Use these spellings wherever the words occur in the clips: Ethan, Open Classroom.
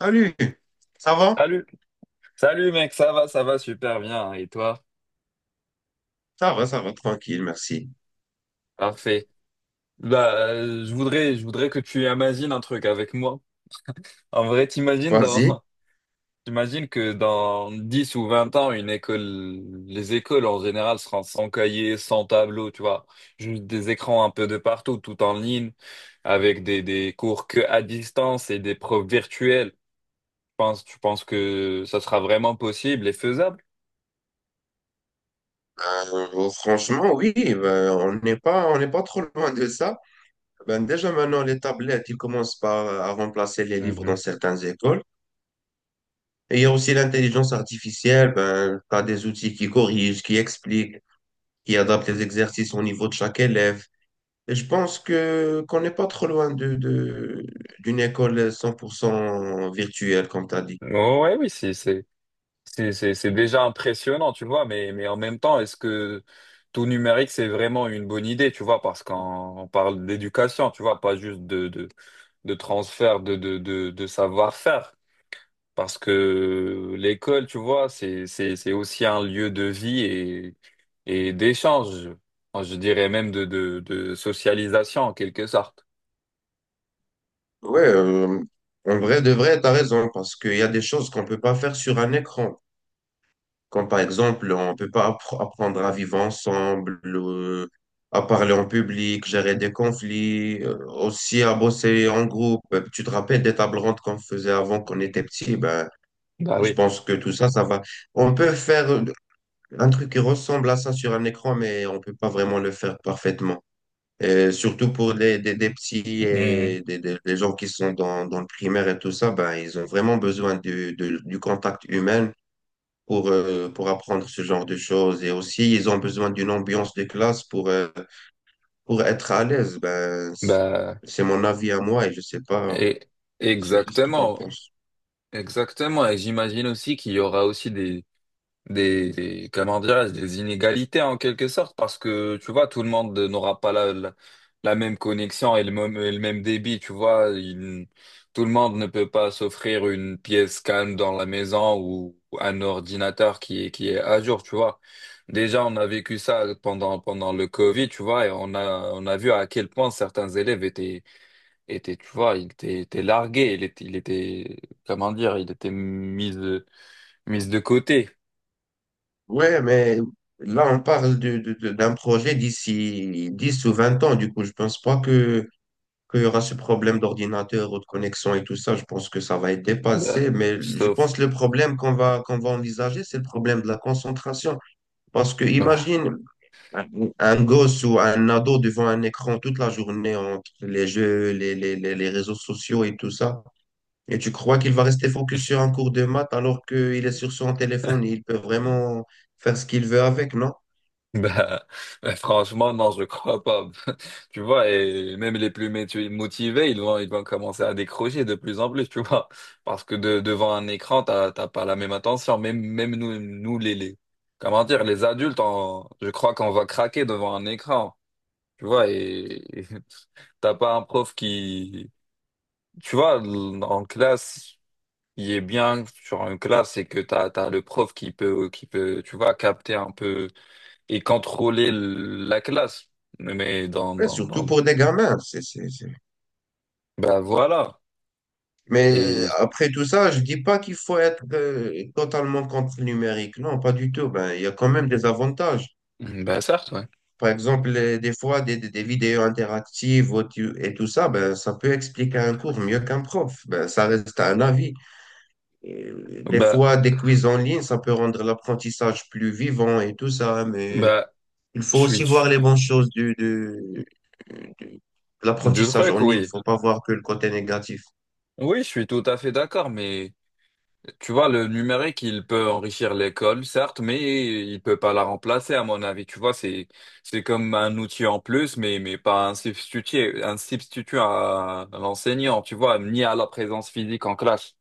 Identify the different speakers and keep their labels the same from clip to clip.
Speaker 1: Salut, ça va?
Speaker 2: Salut, salut mec, ça va super bien. Hein. Et toi?
Speaker 1: Ça va, ça va, tranquille, merci.
Speaker 2: Parfait. Bah, je voudrais que tu imagines un truc avec moi. En vrai,
Speaker 1: Vas-y.
Speaker 2: t'imagines que dans 10 ou 20 ans, les écoles en général seront sans cahier, sans tableau, tu vois. Juste des écrans un peu de partout, tout en ligne, avec des cours que à distance et des profs virtuels. Tu penses que ça sera vraiment possible et faisable?
Speaker 1: Franchement, oui, ben, on n'est pas trop loin de ça. Ben, déjà maintenant, les tablettes, ils commencent par à remplacer les livres dans
Speaker 2: Mhm.
Speaker 1: certaines écoles. Et il y a aussi l'intelligence artificielle, ben, tu as des outils qui corrigent, qui expliquent, qui adaptent les exercices au niveau de chaque élève. Et je pense que qu'on n'est pas trop loin d'une école 100% virtuelle, comme tu as dit.
Speaker 2: Ouais, oui, c'est déjà impressionnant, tu vois, mais en même temps, est-ce que tout numérique, c'est vraiment une bonne idée, tu vois, parce qu'on parle d'éducation, tu vois, pas juste de, de transfert de savoir-faire. Parce que l'école, tu vois, c'est aussi un lieu de vie et d'échange, enfin, je dirais même de, de socialisation en quelque sorte.
Speaker 1: Ouais, euh, En vrai, de vrai, t'as raison, parce qu'il y a des choses qu'on peut pas faire sur un écran. Comme par exemple, on peut pas apprendre à vivre ensemble, à parler en public, gérer des conflits, aussi à bosser en groupe. Tu te rappelles des tables rondes qu'on faisait avant qu'on était
Speaker 2: Mhm.
Speaker 1: petit? Ben,
Speaker 2: Bah
Speaker 1: je
Speaker 2: oui.
Speaker 1: pense que tout ça, ça va. On peut faire un truc qui ressemble à ça sur un écran, mais on peut pas vraiment le faire parfaitement. Et surtout pour des petits
Speaker 2: Mhm.
Speaker 1: et des gens qui sont dans le primaire et tout ça, ben, ils ont vraiment besoin du contact humain pour apprendre ce genre de choses. Et aussi, ils ont besoin d'une ambiance de classe pour être à l'aise. Ben, c'est
Speaker 2: Bah,
Speaker 1: c'est mon avis à moi et
Speaker 2: et,
Speaker 1: je sais pas ce que tu en
Speaker 2: exactement.
Speaker 1: penses.
Speaker 2: Exactement, et j'imagine aussi qu'il y aura aussi des, comment dirais-je, des inégalités en quelque sorte, parce que tu vois, tout le monde n'aura pas la, la même connexion et le même débit, tu vois. Tout le monde ne peut pas s'offrir une pièce calme dans la maison ou un ordinateur qui est à jour, tu vois. Déjà, on a vécu ça pendant le Covid, tu vois, et on a vu à quel point certains élèves tu vois, il était largué, comment dire, il était mis de côté.
Speaker 1: Ouais, mais là, on parle d'un projet d'ici 10 ou 20 ans. Du coup, je pense pas que qu'il y aura ce problème d'ordinateur ou de connexion et tout ça, je pense que ça va être
Speaker 2: Bah,
Speaker 1: dépassé. Mais je
Speaker 2: sauf,
Speaker 1: pense que le problème qu'on va envisager, c'est le problème de la concentration. Parce que
Speaker 2: bah,
Speaker 1: imagine un un gosse ou un ado devant un écran toute la journée entre les jeux, les réseaux sociaux et tout ça. Et tu crois qu'il va rester focus sur un cours de maths alors qu'il est sur son téléphone et il peut vraiment faire ce qu'il veut avec, non?
Speaker 2: bah, franchement, non, je crois pas. Tu vois, même les plus métu- motivés, ils vont commencer à décrocher de plus en plus, tu vois. Parce que de- devant un écran, t'as, t'as pas la même attention. Même, même nous, nous, les, comment dire, les adultes, on- je crois qu'on va craquer devant un écran. Tu vois, et et t'as pas un prof qui, tu vois, l- en classe, il est bien sur une classe, c'est que t'as le prof qui peut, tu vois, capter un peu et contrôler la classe. Mais dans,
Speaker 1: Et
Speaker 2: dans,
Speaker 1: surtout
Speaker 2: dans,
Speaker 1: pour des gamins,
Speaker 2: bah voilà.
Speaker 1: mais
Speaker 2: Et,
Speaker 1: après tout ça, je dis pas qu'il faut être totalement contre le numérique. Non, pas du tout. Ben, il y a quand même des avantages.
Speaker 2: Bah certes, ouais.
Speaker 1: Par exemple, des fois, des vidéos interactives et tout ça, ben, ça peut expliquer un cours mieux qu'un prof. Ben, ça reste un avis. Et, des
Speaker 2: Bah,
Speaker 1: fois, des quiz en ligne, ça peut rendre l'apprentissage plus vivant et tout ça. Mais
Speaker 2: bah,
Speaker 1: il
Speaker 2: je
Speaker 1: faut aussi
Speaker 2: suis,
Speaker 1: voir les bonnes choses du- de
Speaker 2: deux
Speaker 1: l'apprentissage
Speaker 2: trucs,
Speaker 1: en ligne. Il
Speaker 2: oui.
Speaker 1: faut pas voir que le côté négatif.
Speaker 2: Oui, je suis tout à fait d'accord, mais. Tu vois, le numérique, il peut enrichir l'école, certes, mais il peut pas la remplacer, à mon avis. Tu vois, c'est comme un outil en plus, mais pas un substitut, un substitut à l'enseignant, tu vois, ni à la présence physique en classe.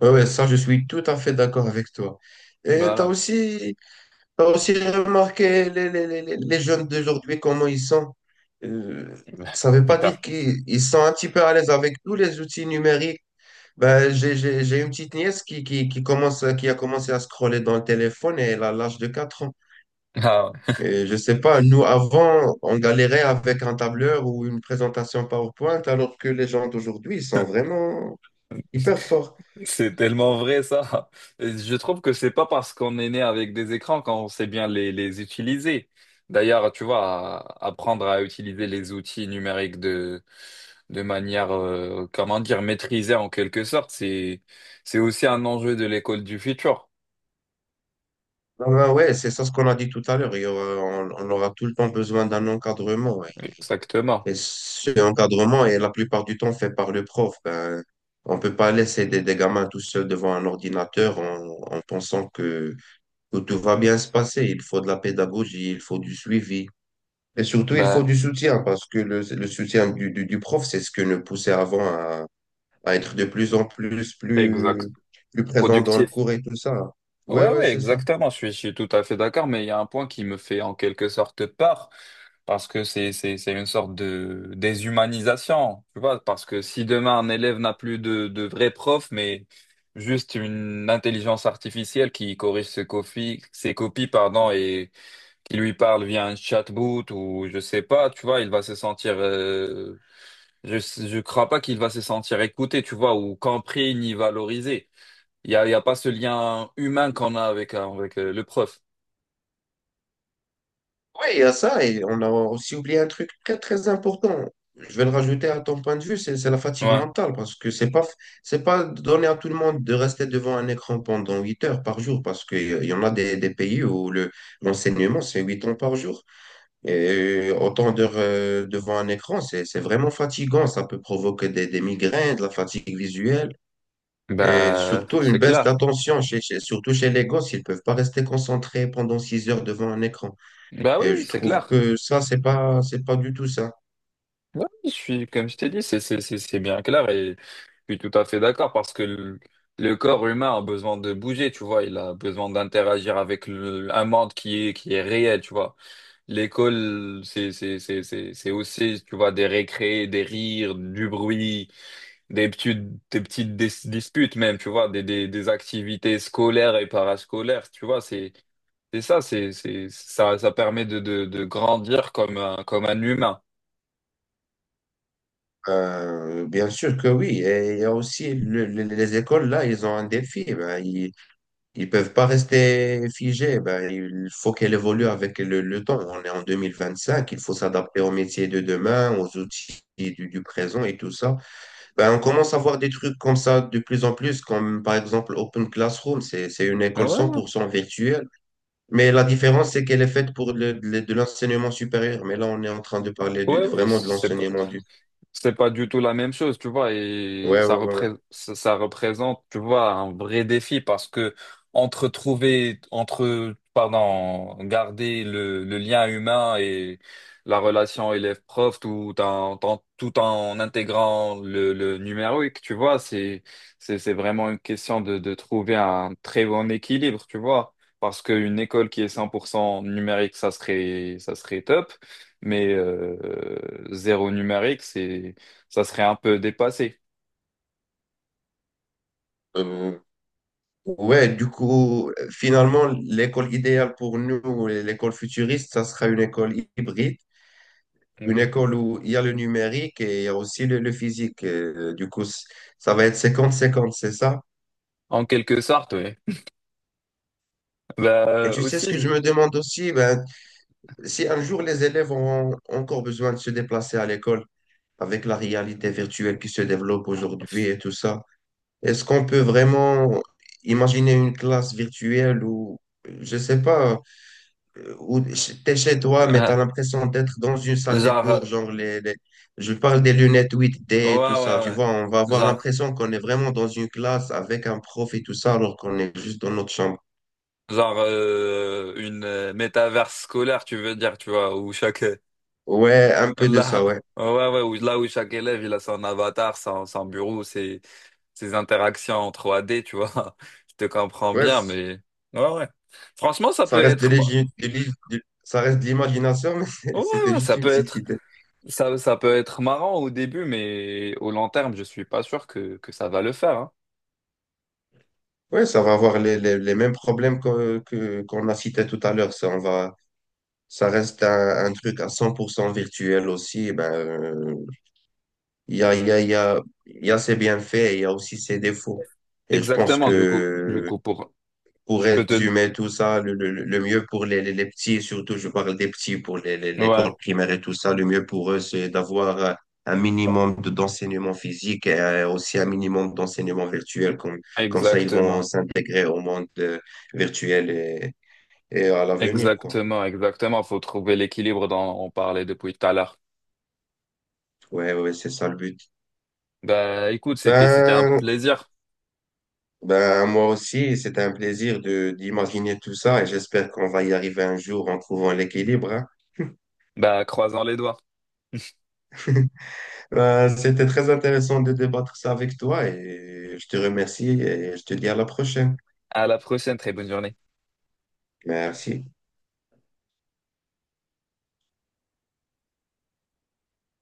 Speaker 1: Oui, ouais, ouais, ça, je suis tout à fait d'accord avec toi. Et tu as
Speaker 2: Voilà.
Speaker 1: aussi T'as aussi remarqué les jeunes d'aujourd'hui, comment ils sont. Euh, Ça ne veut pas dire
Speaker 2: Hyper.
Speaker 1: qu'ils ils sont un petit peu à l'aise avec tous les outils numériques. Ben, j'ai une petite nièce qui qui a commencé à scroller dans le téléphone et elle a l'âge de 4 ans.
Speaker 2: Ah.
Speaker 1: Et je sais pas, nous, avant, on galérait avec un tableur ou une présentation PowerPoint, alors que les gens d'aujourd'hui, ils sont vraiment hyper forts.
Speaker 2: C'est tellement vrai ça. Je trouve que c'est pas parce qu'on est né avec des écrans qu'on sait bien les utiliser. D'ailleurs, tu vois, apprendre à utiliser les outils numériques de manière, comment dire, maîtrisée en quelque sorte, c'est aussi un enjeu de l'école du futur.
Speaker 1: Ah ben ouais, c'est ça ce qu'on a dit tout à l'heure. On aura tout le temps besoin d'un encadrement. Ouais.
Speaker 2: Exactement.
Speaker 1: Et ce encadrement est la plupart du temps fait par le prof. Ben, on peut pas laisser des gamins tout seuls devant un ordinateur en pensant que tout va bien se passer. Il faut de la pédagogie, il faut du suivi. Et surtout, il faut
Speaker 2: Ben,
Speaker 1: du soutien parce que le soutien du prof, c'est ce que nous poussait avant à être de plus en
Speaker 2: exact.
Speaker 1: plus présent dans le
Speaker 2: Productif.
Speaker 1: cours et tout ça. Ouais,
Speaker 2: Ouais,
Speaker 1: ouais,
Speaker 2: ouais,
Speaker 1: c'est ça.
Speaker 2: exactement. Je suis tout à fait d'accord, mais il y a un point qui me fait en quelque sorte peur, parce que c'est une sorte de déshumanisation, tu vois, parce que si demain un élève n'a plus de vrai prof, mais juste une intelligence artificielle qui corrige ses copies, pardon, et qui lui parle via un chatbot ou je sais pas, tu vois, il va se sentir, je crois pas qu'il va se sentir écouté, tu vois, ou compris ni valorisé. Il y a pas ce lien humain qu'on a avec le prof.
Speaker 1: Oui, il y a ça, et on a aussi oublié un truc très très important. Je vais le rajouter à ton point de vue, c'est la fatigue
Speaker 2: Ouais.
Speaker 1: mentale, parce que c'est pas donné à tout le monde de rester devant un écran pendant 8 heures par jour, parce qu'il y en a des pays où le l'enseignement c'est 8 heures par jour. Et autant d'heures devant un écran, c'est vraiment fatigant, ça peut provoquer des migraines, de la fatigue visuelle. Et
Speaker 2: Bah,
Speaker 1: surtout
Speaker 2: c'est
Speaker 1: une baisse
Speaker 2: clair.
Speaker 1: d'attention, surtout chez les gosses, ils peuvent pas rester concentrés pendant 6 heures devant un écran.
Speaker 2: Bah oui,
Speaker 1: Et
Speaker 2: oui,
Speaker 1: je
Speaker 2: c'est
Speaker 1: trouve
Speaker 2: clair.
Speaker 1: que ça, c'est pas du tout ça.
Speaker 2: Ouais, comme je t'ai dit, c'est bien clair et je suis tout à fait d'accord parce que le corps humain a besoin de bouger, tu vois. Il a besoin d'interagir avec un monde qui est réel, tu vois. L'école, c'est aussi, tu vois, des récrés, des rires, du bruit. des petites, des petites disputes même, tu vois, des activités scolaires et parascolaires, tu vois, ça permet de, de grandir comme un humain.
Speaker 1: Bien sûr que oui. Et il y a aussi les écoles, là, ils ont un défi. Ben, ils peuvent pas rester figés. Ben, il faut qu'elles évoluent avec le temps. On est en 2025. Il faut s'adapter aux métiers de demain, aux outils du présent et tout ça. Ben, on commence à voir des trucs comme ça de plus en plus, comme par exemple Open Classroom. C'est une
Speaker 2: Ouais,
Speaker 1: école cent
Speaker 2: ouais,
Speaker 1: pour cent virtuelle. Mais la différence, c'est qu'elle est faite pour de l'enseignement supérieur. Mais là, on est en train de parler
Speaker 2: ouais, oui,
Speaker 1: vraiment de l'enseignement du...
Speaker 2: c'est pas du tout la même chose, tu vois, et
Speaker 1: Ouais, ouais, ouais, ouais.
Speaker 2: ça représente, tu vois, un vrai défi parce que entre, pardon, garder le lien humain et la relation élève-prof tout en intégrant le numérique, tu vois, c'est vraiment une question de trouver un très bon équilibre, tu vois, parce qu'une école qui est 100% numérique, ça serait top, mais zéro numérique, ça serait un peu dépassé.
Speaker 1: Euh, ouais, du coup, finalement, l'école idéale pour nous, ou l'école futuriste, ça sera une école hybride, une
Speaker 2: Mhm.
Speaker 1: école où il y a le numérique et il y a aussi le physique. Et, du coup, ça va être 50-50, c'est ça?
Speaker 2: En quelque sorte, oui. Bah,
Speaker 1: Et tu sais
Speaker 2: aussi,
Speaker 1: ce que je me demande aussi? Ben, si un jour les élèves ont encore besoin de se déplacer à l'école avec la réalité virtuelle qui se développe aujourd'hui et tout ça, est-ce qu'on peut vraiment imaginer une classe virtuelle où, je sais pas, où t'es chez toi, mais
Speaker 2: euh,
Speaker 1: t'as l'impression d'être dans une salle des
Speaker 2: genre,
Speaker 1: cours, genre je parle des lunettes
Speaker 2: ouais,
Speaker 1: 8D et tout
Speaker 2: ouais,
Speaker 1: ça, tu
Speaker 2: ouais.
Speaker 1: vois, on va avoir
Speaker 2: Genre,
Speaker 1: l'impression qu'on est vraiment dans une classe avec un prof et tout ça, alors qu'on est juste dans notre chambre.
Speaker 2: genre, une métaverse scolaire, tu veux dire, tu vois,
Speaker 1: Ouais, un peu de
Speaker 2: là,
Speaker 1: ça, ouais.
Speaker 2: ouais, ouais, là où chaque élève il a son avatar, son bureau, ses interactions en 3D, tu vois. Je te comprends bien,
Speaker 1: Ouais,
Speaker 2: mais ouais, ouais. Franchement, ça
Speaker 1: ça
Speaker 2: peut
Speaker 1: reste de
Speaker 2: être, mo-
Speaker 1: l'égi- de l'é- de- ça reste de l'imagination, mais
Speaker 2: ouais,
Speaker 1: c'était
Speaker 2: ouais,
Speaker 1: juste
Speaker 2: ça
Speaker 1: une
Speaker 2: peut
Speaker 1: petite
Speaker 2: être.
Speaker 1: idée.
Speaker 2: Ça peut être marrant au début, mais au long terme, je suis pas sûr que ça va le faire. Hein.
Speaker 1: Oui, ça va avoir les mêmes problèmes qu'on a cités tout à l'heure. Ça reste un truc à 100% virtuel aussi. Eh ben, il y a, il y a, il y a, il y a ses bienfaits et il y a aussi ses défauts. Et je pense
Speaker 2: Exactement, du coup, du
Speaker 1: que
Speaker 2: coup, pour,
Speaker 1: pour
Speaker 2: je peux te,
Speaker 1: résumer tout ça, le mieux pour les petits, surtout je parle des petits pour
Speaker 2: ouais,
Speaker 1: l'école primaire et tout ça, le mieux pour eux, c'est d'avoir un minimum d'enseignement physique et aussi un minimum d'enseignement virtuel. Comme, comme ça, ils vont
Speaker 2: exactement,
Speaker 1: s'intégrer au monde virtuel et à l'avenir, quoi.
Speaker 2: exactement, exactement. Faut trouver l'équilibre dont on parlait depuis tout à l'heure.
Speaker 1: Ouais, ouais, c'est ça le but.
Speaker 2: Bah, écoute, c'était un
Speaker 1: Ben,
Speaker 2: plaisir.
Speaker 1: ben, moi aussi, c'est un plaisir de d'imaginer tout ça et j'espère qu'on va y arriver un jour en trouvant l'équilibre, hein.
Speaker 2: Bah, croisons les doigts.
Speaker 1: C'était très intéressant de débattre ça avec toi et je te remercie et je te dis à la prochaine.
Speaker 2: À la prochaine, très bonne journée.
Speaker 1: Merci.